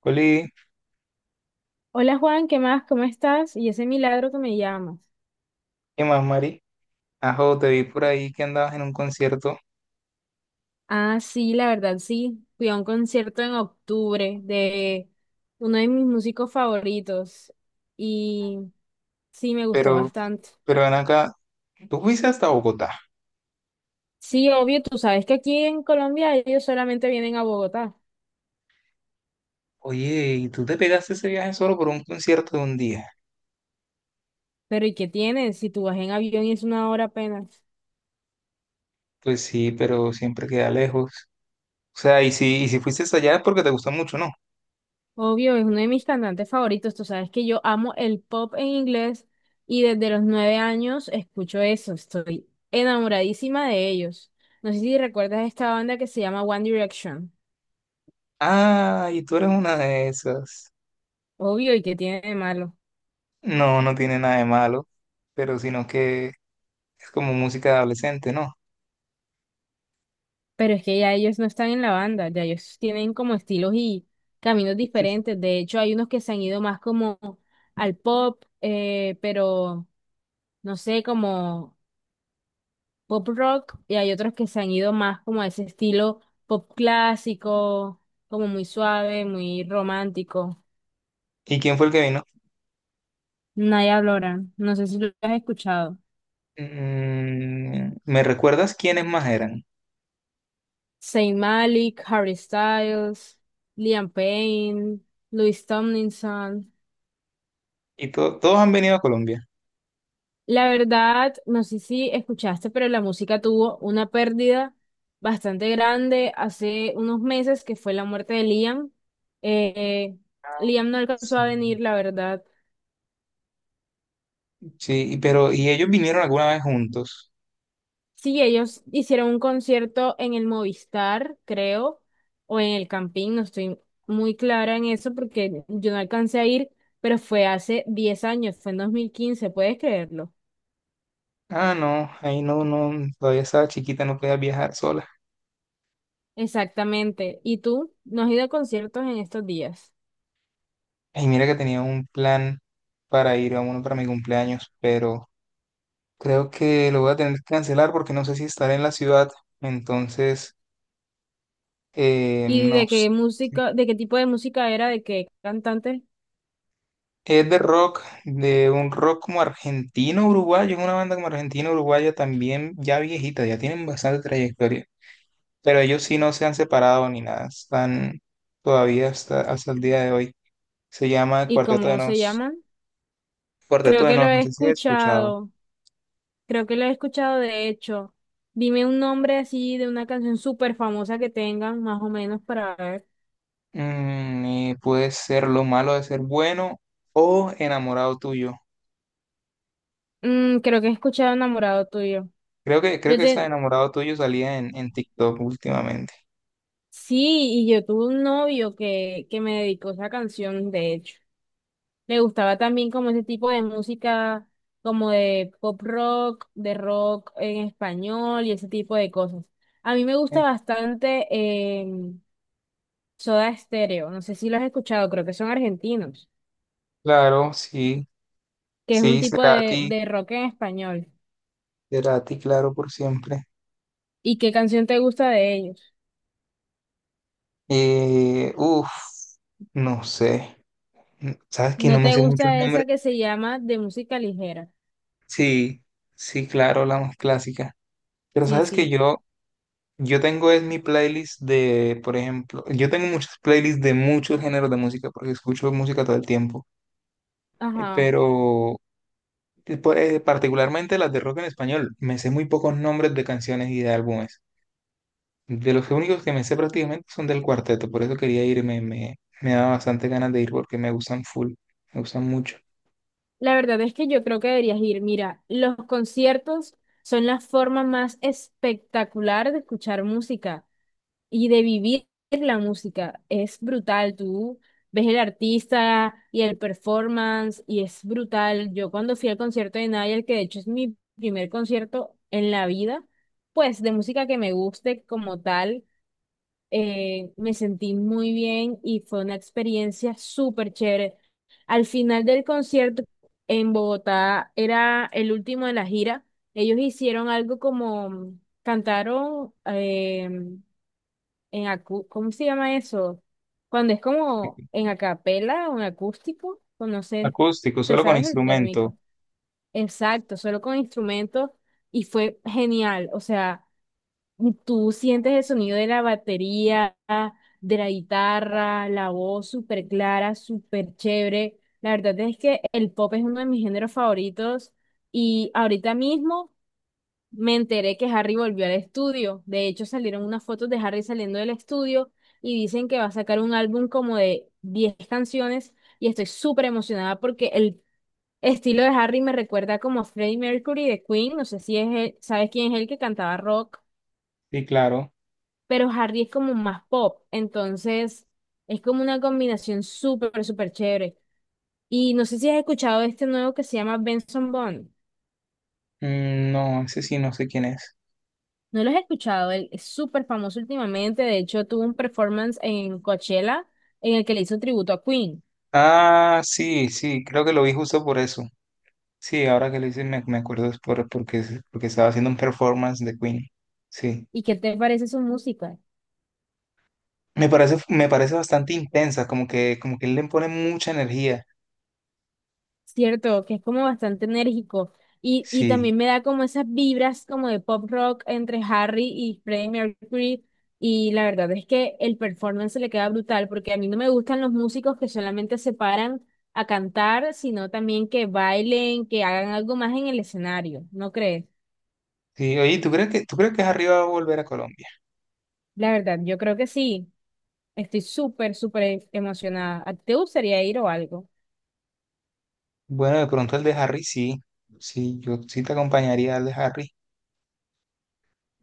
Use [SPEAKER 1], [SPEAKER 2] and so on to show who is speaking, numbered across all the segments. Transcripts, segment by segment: [SPEAKER 1] Coli,
[SPEAKER 2] Hola Juan, ¿qué más? ¿Cómo estás? Y ese milagro que me llamas.
[SPEAKER 1] ¿qué más, Mari? Ajo, te vi por ahí que andabas en un concierto,
[SPEAKER 2] Ah, sí, la verdad, sí. Fui a un concierto en octubre de uno de mis músicos favoritos y sí, me gustó
[SPEAKER 1] pero,
[SPEAKER 2] bastante.
[SPEAKER 1] pero ven acá, tú fuiste hasta Bogotá.
[SPEAKER 2] Sí, obvio, tú sabes que aquí en Colombia ellos solamente vienen a Bogotá,
[SPEAKER 1] Oye, ¿y tú te pegaste ese viaje solo por un concierto de un día?
[SPEAKER 2] pero ¿y qué tienen si tú vas en avión y es una hora apenas?
[SPEAKER 1] Pues sí, pero siempre queda lejos. O sea, y si fuiste hasta allá es porque te gustó mucho, ¿no?
[SPEAKER 2] Obvio, es uno de mis cantantes favoritos. Tú sabes que yo amo el pop en inglés y desde los 9 años escucho eso. Estoy enamoradísima de ellos. No sé si recuerdas esta banda que se llama One Direction.
[SPEAKER 1] Ah, y tú eres una de esas.
[SPEAKER 2] Obvio, ¿y que tiene de malo?
[SPEAKER 1] No, no tiene nada de malo, pero sino que es como música de adolescente, ¿no?
[SPEAKER 2] Pero es que ya ellos no están en la banda, ya ellos tienen como estilos y caminos diferentes. De hecho, hay unos que se han ido más como al pop, pero no sé, como pop rock y hay otros que se han ido más como a ese estilo pop clásico, como muy suave, muy romántico.
[SPEAKER 1] ¿Y quién fue el que vino?
[SPEAKER 2] Naya Blora, no sé si lo has escuchado.
[SPEAKER 1] Mm, ¿me recuerdas quiénes más eran?
[SPEAKER 2] Zayn Malik, Harry Styles, Liam Payne, Louis Tomlinson.
[SPEAKER 1] Y todos han venido a Colombia.
[SPEAKER 2] La verdad, no sé si escuchaste, pero la música tuvo una pérdida bastante grande hace unos meses, que fue la muerte de Liam. Eh, Liam no alcanzó a
[SPEAKER 1] Sí,
[SPEAKER 2] venir, la verdad.
[SPEAKER 1] sí, pero ¿y ellos vinieron alguna vez juntos?
[SPEAKER 2] Sí, ellos hicieron un concierto en el Movistar, creo, o en el Campín, no estoy muy clara en eso porque yo no alcancé a ir, pero fue hace 10 años, fue en 2015, ¿puedes creerlo?
[SPEAKER 1] Ah, no, ahí no, no, todavía estaba chiquita, no podía viajar sola.
[SPEAKER 2] Exactamente. ¿Y tú? ¿No has ido a conciertos en estos días?
[SPEAKER 1] Y mira que tenía un plan para ir a uno para mi cumpleaños, pero creo que lo voy a tener que cancelar porque no sé si estaré en la ciudad. Entonces,
[SPEAKER 2] ¿Y
[SPEAKER 1] no
[SPEAKER 2] de
[SPEAKER 1] sé.
[SPEAKER 2] qué música, de qué tipo de música era, de qué cantante
[SPEAKER 1] Es de rock, de un rock como argentino-uruguayo, es una banda como argentino-uruguaya también ya viejita, ya tienen bastante trayectoria. Pero ellos sí no se han separado ni nada, están todavía hasta el día de hoy. Se llama
[SPEAKER 2] y
[SPEAKER 1] Cuarteto de
[SPEAKER 2] cómo se
[SPEAKER 1] Nos.
[SPEAKER 2] llaman?
[SPEAKER 1] Cuarteto
[SPEAKER 2] Creo
[SPEAKER 1] de
[SPEAKER 2] que lo
[SPEAKER 1] Nos, no
[SPEAKER 2] he
[SPEAKER 1] sé si has escuchado.
[SPEAKER 2] escuchado. Creo que lo he escuchado de hecho. Dime un nombre así de una canción súper famosa que tengan, más o menos, para ver.
[SPEAKER 1] Mm, y puede ser Lo malo de ser bueno o Enamorado tuyo.
[SPEAKER 2] Mm, creo que he escuchado Enamorado tuyo.
[SPEAKER 1] Creo
[SPEAKER 2] Yo
[SPEAKER 1] que esa de
[SPEAKER 2] te...
[SPEAKER 1] Enamorado tuyo salía en TikTok últimamente.
[SPEAKER 2] Sí, y yo tuve un novio que me dedicó esa canción, de hecho. Le gustaba también como ese tipo de música, como de pop rock, de rock en español y ese tipo de cosas. A mí me
[SPEAKER 1] Eh,
[SPEAKER 2] gusta bastante Soda Stereo. No sé si lo has escuchado, creo que son argentinos.
[SPEAKER 1] Claro, sí,
[SPEAKER 2] Que es un
[SPEAKER 1] sí,
[SPEAKER 2] tipo
[SPEAKER 1] será a
[SPEAKER 2] de rock en español.
[SPEAKER 1] claro, por siempre.
[SPEAKER 2] ¿Y qué canción te gusta de ellos?
[SPEAKER 1] Uf, no sé. ¿Sabes que
[SPEAKER 2] ¿No
[SPEAKER 1] no me
[SPEAKER 2] te
[SPEAKER 1] sé muchos
[SPEAKER 2] gusta
[SPEAKER 1] nombres?
[SPEAKER 2] esa que se llama de música ligera?
[SPEAKER 1] Sí, sí, claro, la más clásica. Pero
[SPEAKER 2] Sí,
[SPEAKER 1] sabes que
[SPEAKER 2] sí.
[SPEAKER 1] yo tengo es mi playlist de, por ejemplo, yo tengo muchas playlists de muchos géneros de música porque escucho música todo el tiempo. Eh,
[SPEAKER 2] Ajá.
[SPEAKER 1] Pero eh, por- eh, particularmente las de rock en español, me sé muy pocos nombres de canciones y de álbumes. De los únicos que me sé prácticamente son del cuarteto, por eso quería irme, me da bastante ganas de ir porque me gustan full, me gustan mucho.
[SPEAKER 2] La verdad es que yo creo que deberías ir. Mira, los conciertos son la forma más espectacular de escuchar música y de vivir la música. Es brutal, tú ves el artista y el performance y es brutal. Yo cuando fui al concierto de Nayel, que de hecho es mi primer concierto en la vida, pues de música que me guste como tal, me sentí muy bien y fue una experiencia súper chévere. Al final del concierto en Bogotá, era el último de la gira, ellos hicieron algo como... Cantaron, ¿cómo se llama eso? Cuando es como en acapela o en acústico, pues no sé,
[SPEAKER 1] Acústico,
[SPEAKER 2] te
[SPEAKER 1] solo con
[SPEAKER 2] sabes el
[SPEAKER 1] instrumento.
[SPEAKER 2] térmico. Exacto, solo con instrumentos y fue genial. O sea, tú sientes el sonido de la batería, de la guitarra, la voz súper clara, súper chévere. La verdad es que el pop es uno de mis géneros favoritos y ahorita mismo me enteré que Harry volvió al estudio. De hecho, salieron unas fotos de Harry saliendo del estudio y dicen que va a sacar un álbum como de 10 canciones y estoy súper emocionada porque el estilo de Harry me recuerda como a Freddie Mercury de Queen. No sé si es sabes quién es el que cantaba rock,
[SPEAKER 1] Sí, claro.
[SPEAKER 2] pero Harry es como más pop. Entonces, es como una combinación súper, súper chévere. Y no sé si has escuchado de este nuevo que se llama Benson Bond.
[SPEAKER 1] Mm, no, ese sí, no sé quién es.
[SPEAKER 2] No lo he escuchado, él es súper famoso últimamente, de hecho tuvo un performance en Coachella en el que le hizo un tributo a Queen.
[SPEAKER 1] Ah, sí, sí, creo que lo vi justo por eso. Sí, ahora que lo hice me, me acuerdo es por, porque, porque estaba haciendo un performance de Queen. Sí.
[SPEAKER 2] ¿Y qué te parece su música?
[SPEAKER 1] Me parece bastante intensa, como que él le pone mucha energía.
[SPEAKER 2] Cierto, que es como bastante enérgico y
[SPEAKER 1] Sí.
[SPEAKER 2] también me da como esas vibras como de pop rock entre Harry y Freddie Mercury y la verdad es que el performance le queda brutal porque a mí no me gustan los músicos que solamente se paran a cantar, sino también que bailen, que hagan algo más en el escenario, ¿no crees?
[SPEAKER 1] Sí, oye, tú crees que Harry va a volver a Colombia?
[SPEAKER 2] La verdad, yo creo que sí. Estoy súper, súper emocionada. ¿Te gustaría ir o algo?
[SPEAKER 1] Bueno, de pronto el de Harry sí. Sí, yo sí te acompañaría al de Harry.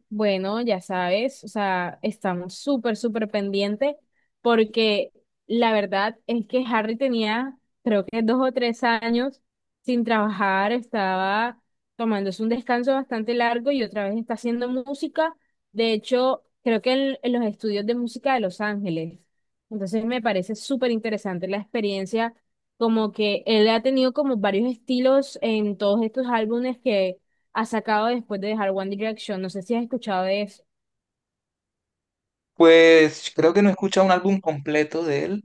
[SPEAKER 2] Bueno, ya sabes, o sea, estamos súper, súper pendientes porque la verdad es que Harry tenía, creo que dos o tres años sin trabajar, estaba tomándose un descanso bastante largo y otra vez está haciendo música. De hecho, creo que en los estudios de música de Los Ángeles. Entonces me parece súper interesante la experiencia, como que él ha tenido como varios estilos en todos estos álbumes ha sacado después de dejar One Direction. No sé si has escuchado de eso.
[SPEAKER 1] Pues creo que no he escuchado un álbum completo de él.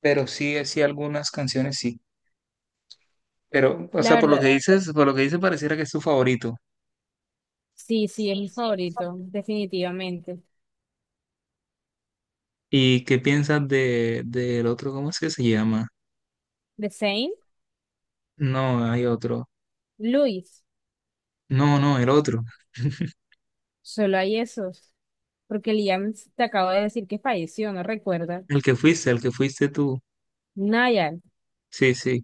[SPEAKER 1] Pero sí, sí, algunas canciones sí. Pero, o
[SPEAKER 2] La
[SPEAKER 1] sea, por lo que
[SPEAKER 2] verdad,
[SPEAKER 1] dices, por lo que dices, pareciera que es tu favorito.
[SPEAKER 2] sí, sí, es mi favorito, definitivamente.
[SPEAKER 1] ¿Y qué piensas de, del otro? ¿Cómo es que se llama?
[SPEAKER 2] The Saint,
[SPEAKER 1] No, hay otro.
[SPEAKER 2] Louis,
[SPEAKER 1] No, no, el otro.
[SPEAKER 2] solo hay esos. Porque Liam te acabo de decir que falleció, ¿no recuerdas?
[SPEAKER 1] El que fuiste tú.
[SPEAKER 2] Niall,
[SPEAKER 1] Sí, sí.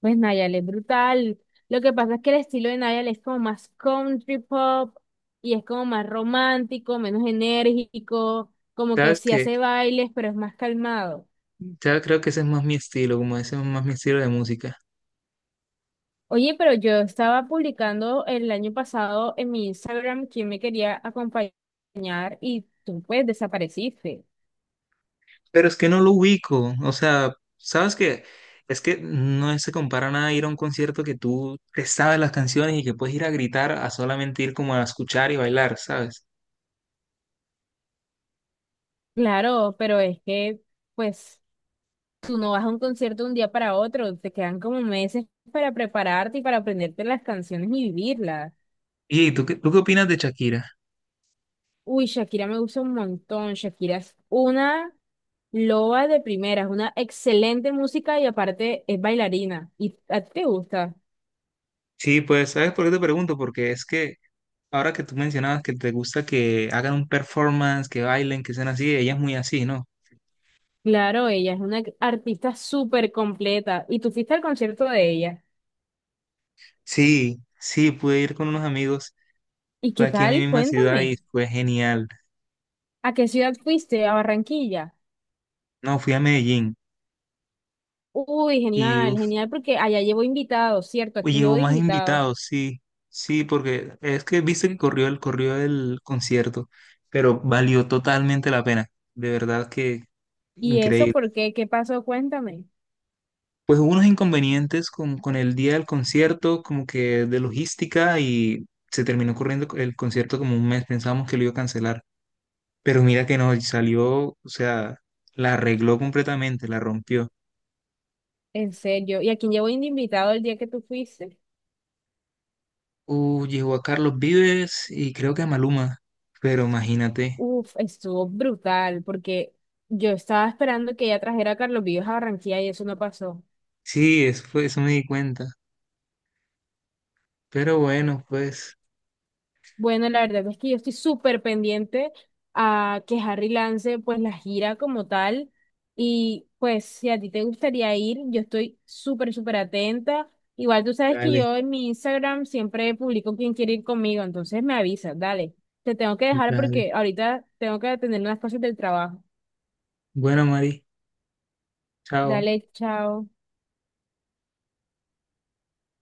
[SPEAKER 2] pues Niall es brutal. Lo que pasa es que el estilo de Niall es como más country pop y es como más romántico, menos enérgico, como que
[SPEAKER 1] Sabes
[SPEAKER 2] sí
[SPEAKER 1] que,
[SPEAKER 2] hace bailes, pero es más calmado.
[SPEAKER 1] ya creo que ese es más mi estilo, como ese es más mi estilo de música.
[SPEAKER 2] Oye, pero yo estaba publicando el año pasado en mi Instagram quién me quería acompañar y tú pues desapareciste.
[SPEAKER 1] Pero es que no lo ubico. O sea, sabes que es que no se compara nada a ir a un concierto que tú te sabes las canciones y que puedes ir a gritar a solamente ir como a escuchar y bailar, ¿sabes?
[SPEAKER 2] Claro, pero es que pues tú no vas a un concierto de un día para otro, te quedan como meses para prepararte y para aprenderte las canciones y vivirlas.
[SPEAKER 1] ¿Y tú qué opinas de Shakira?
[SPEAKER 2] Uy, Shakira me gusta un montón, Shakira es una loba de primeras, una excelente música y aparte es bailarina. ¿Y a ti te gusta?
[SPEAKER 1] Sí, pues, ¿sabes por qué te pregunto? Porque es que ahora que tú mencionabas que te gusta que hagan un performance, que bailen, que sean así, ella es muy así, ¿no?
[SPEAKER 2] Claro, ella es una artista súper completa. ¿Y tú fuiste al concierto de ella?
[SPEAKER 1] Sí, sí, pude ir con unos amigos,
[SPEAKER 2] ¿Y
[SPEAKER 1] fue
[SPEAKER 2] qué
[SPEAKER 1] aquí en mi
[SPEAKER 2] tal?
[SPEAKER 1] misma ciudad y
[SPEAKER 2] Cuéntame.
[SPEAKER 1] fue genial.
[SPEAKER 2] ¿A qué ciudad fuiste? ¿A Barranquilla?
[SPEAKER 1] No, fui a Medellín
[SPEAKER 2] Uy,
[SPEAKER 1] y
[SPEAKER 2] genial,
[SPEAKER 1] uf,
[SPEAKER 2] genial, porque allá llevo invitados, ¿cierto? ¿A
[SPEAKER 1] y
[SPEAKER 2] quién llevo
[SPEAKER 1] llevo
[SPEAKER 2] de
[SPEAKER 1] más
[SPEAKER 2] invitado?
[SPEAKER 1] invitados, sí, sí, porque es que viste que corrió el concierto, pero valió totalmente la pena, de verdad que
[SPEAKER 2] ¿Y eso
[SPEAKER 1] increíble.
[SPEAKER 2] por qué? ¿Qué pasó? Cuéntame.
[SPEAKER 1] Pues hubo unos inconvenientes con el día del concierto, como que de logística, y se terminó corriendo el concierto como un mes. Pensábamos que lo iba a cancelar, pero mira que no, salió, o sea, la arregló completamente, la rompió.
[SPEAKER 2] En serio. ¿Y a quién llevo de invitado el día que tú fuiste?
[SPEAKER 1] Llegó a Carlos Vives y creo que a Maluma, pero imagínate.
[SPEAKER 2] Uf, estuvo brutal, porque yo estaba esperando que ella trajera a Carlos Vives a Barranquilla y eso no pasó.
[SPEAKER 1] Sí, eso fue, eso me di cuenta. Pero bueno, pues,
[SPEAKER 2] Bueno, la verdad es que yo estoy súper pendiente a que Harry lance pues la gira como tal y pues si a ti te gustaría ir, yo estoy súper, súper atenta. Igual tú sabes que
[SPEAKER 1] dale,
[SPEAKER 2] yo en mi Instagram siempre publico quién quiere ir conmigo, entonces me avisas, dale. Te tengo que dejar
[SPEAKER 1] dale.
[SPEAKER 2] porque ahorita tengo que atender unas cosas del trabajo.
[SPEAKER 1] Bueno, Mari, chao.
[SPEAKER 2] Dale, chao.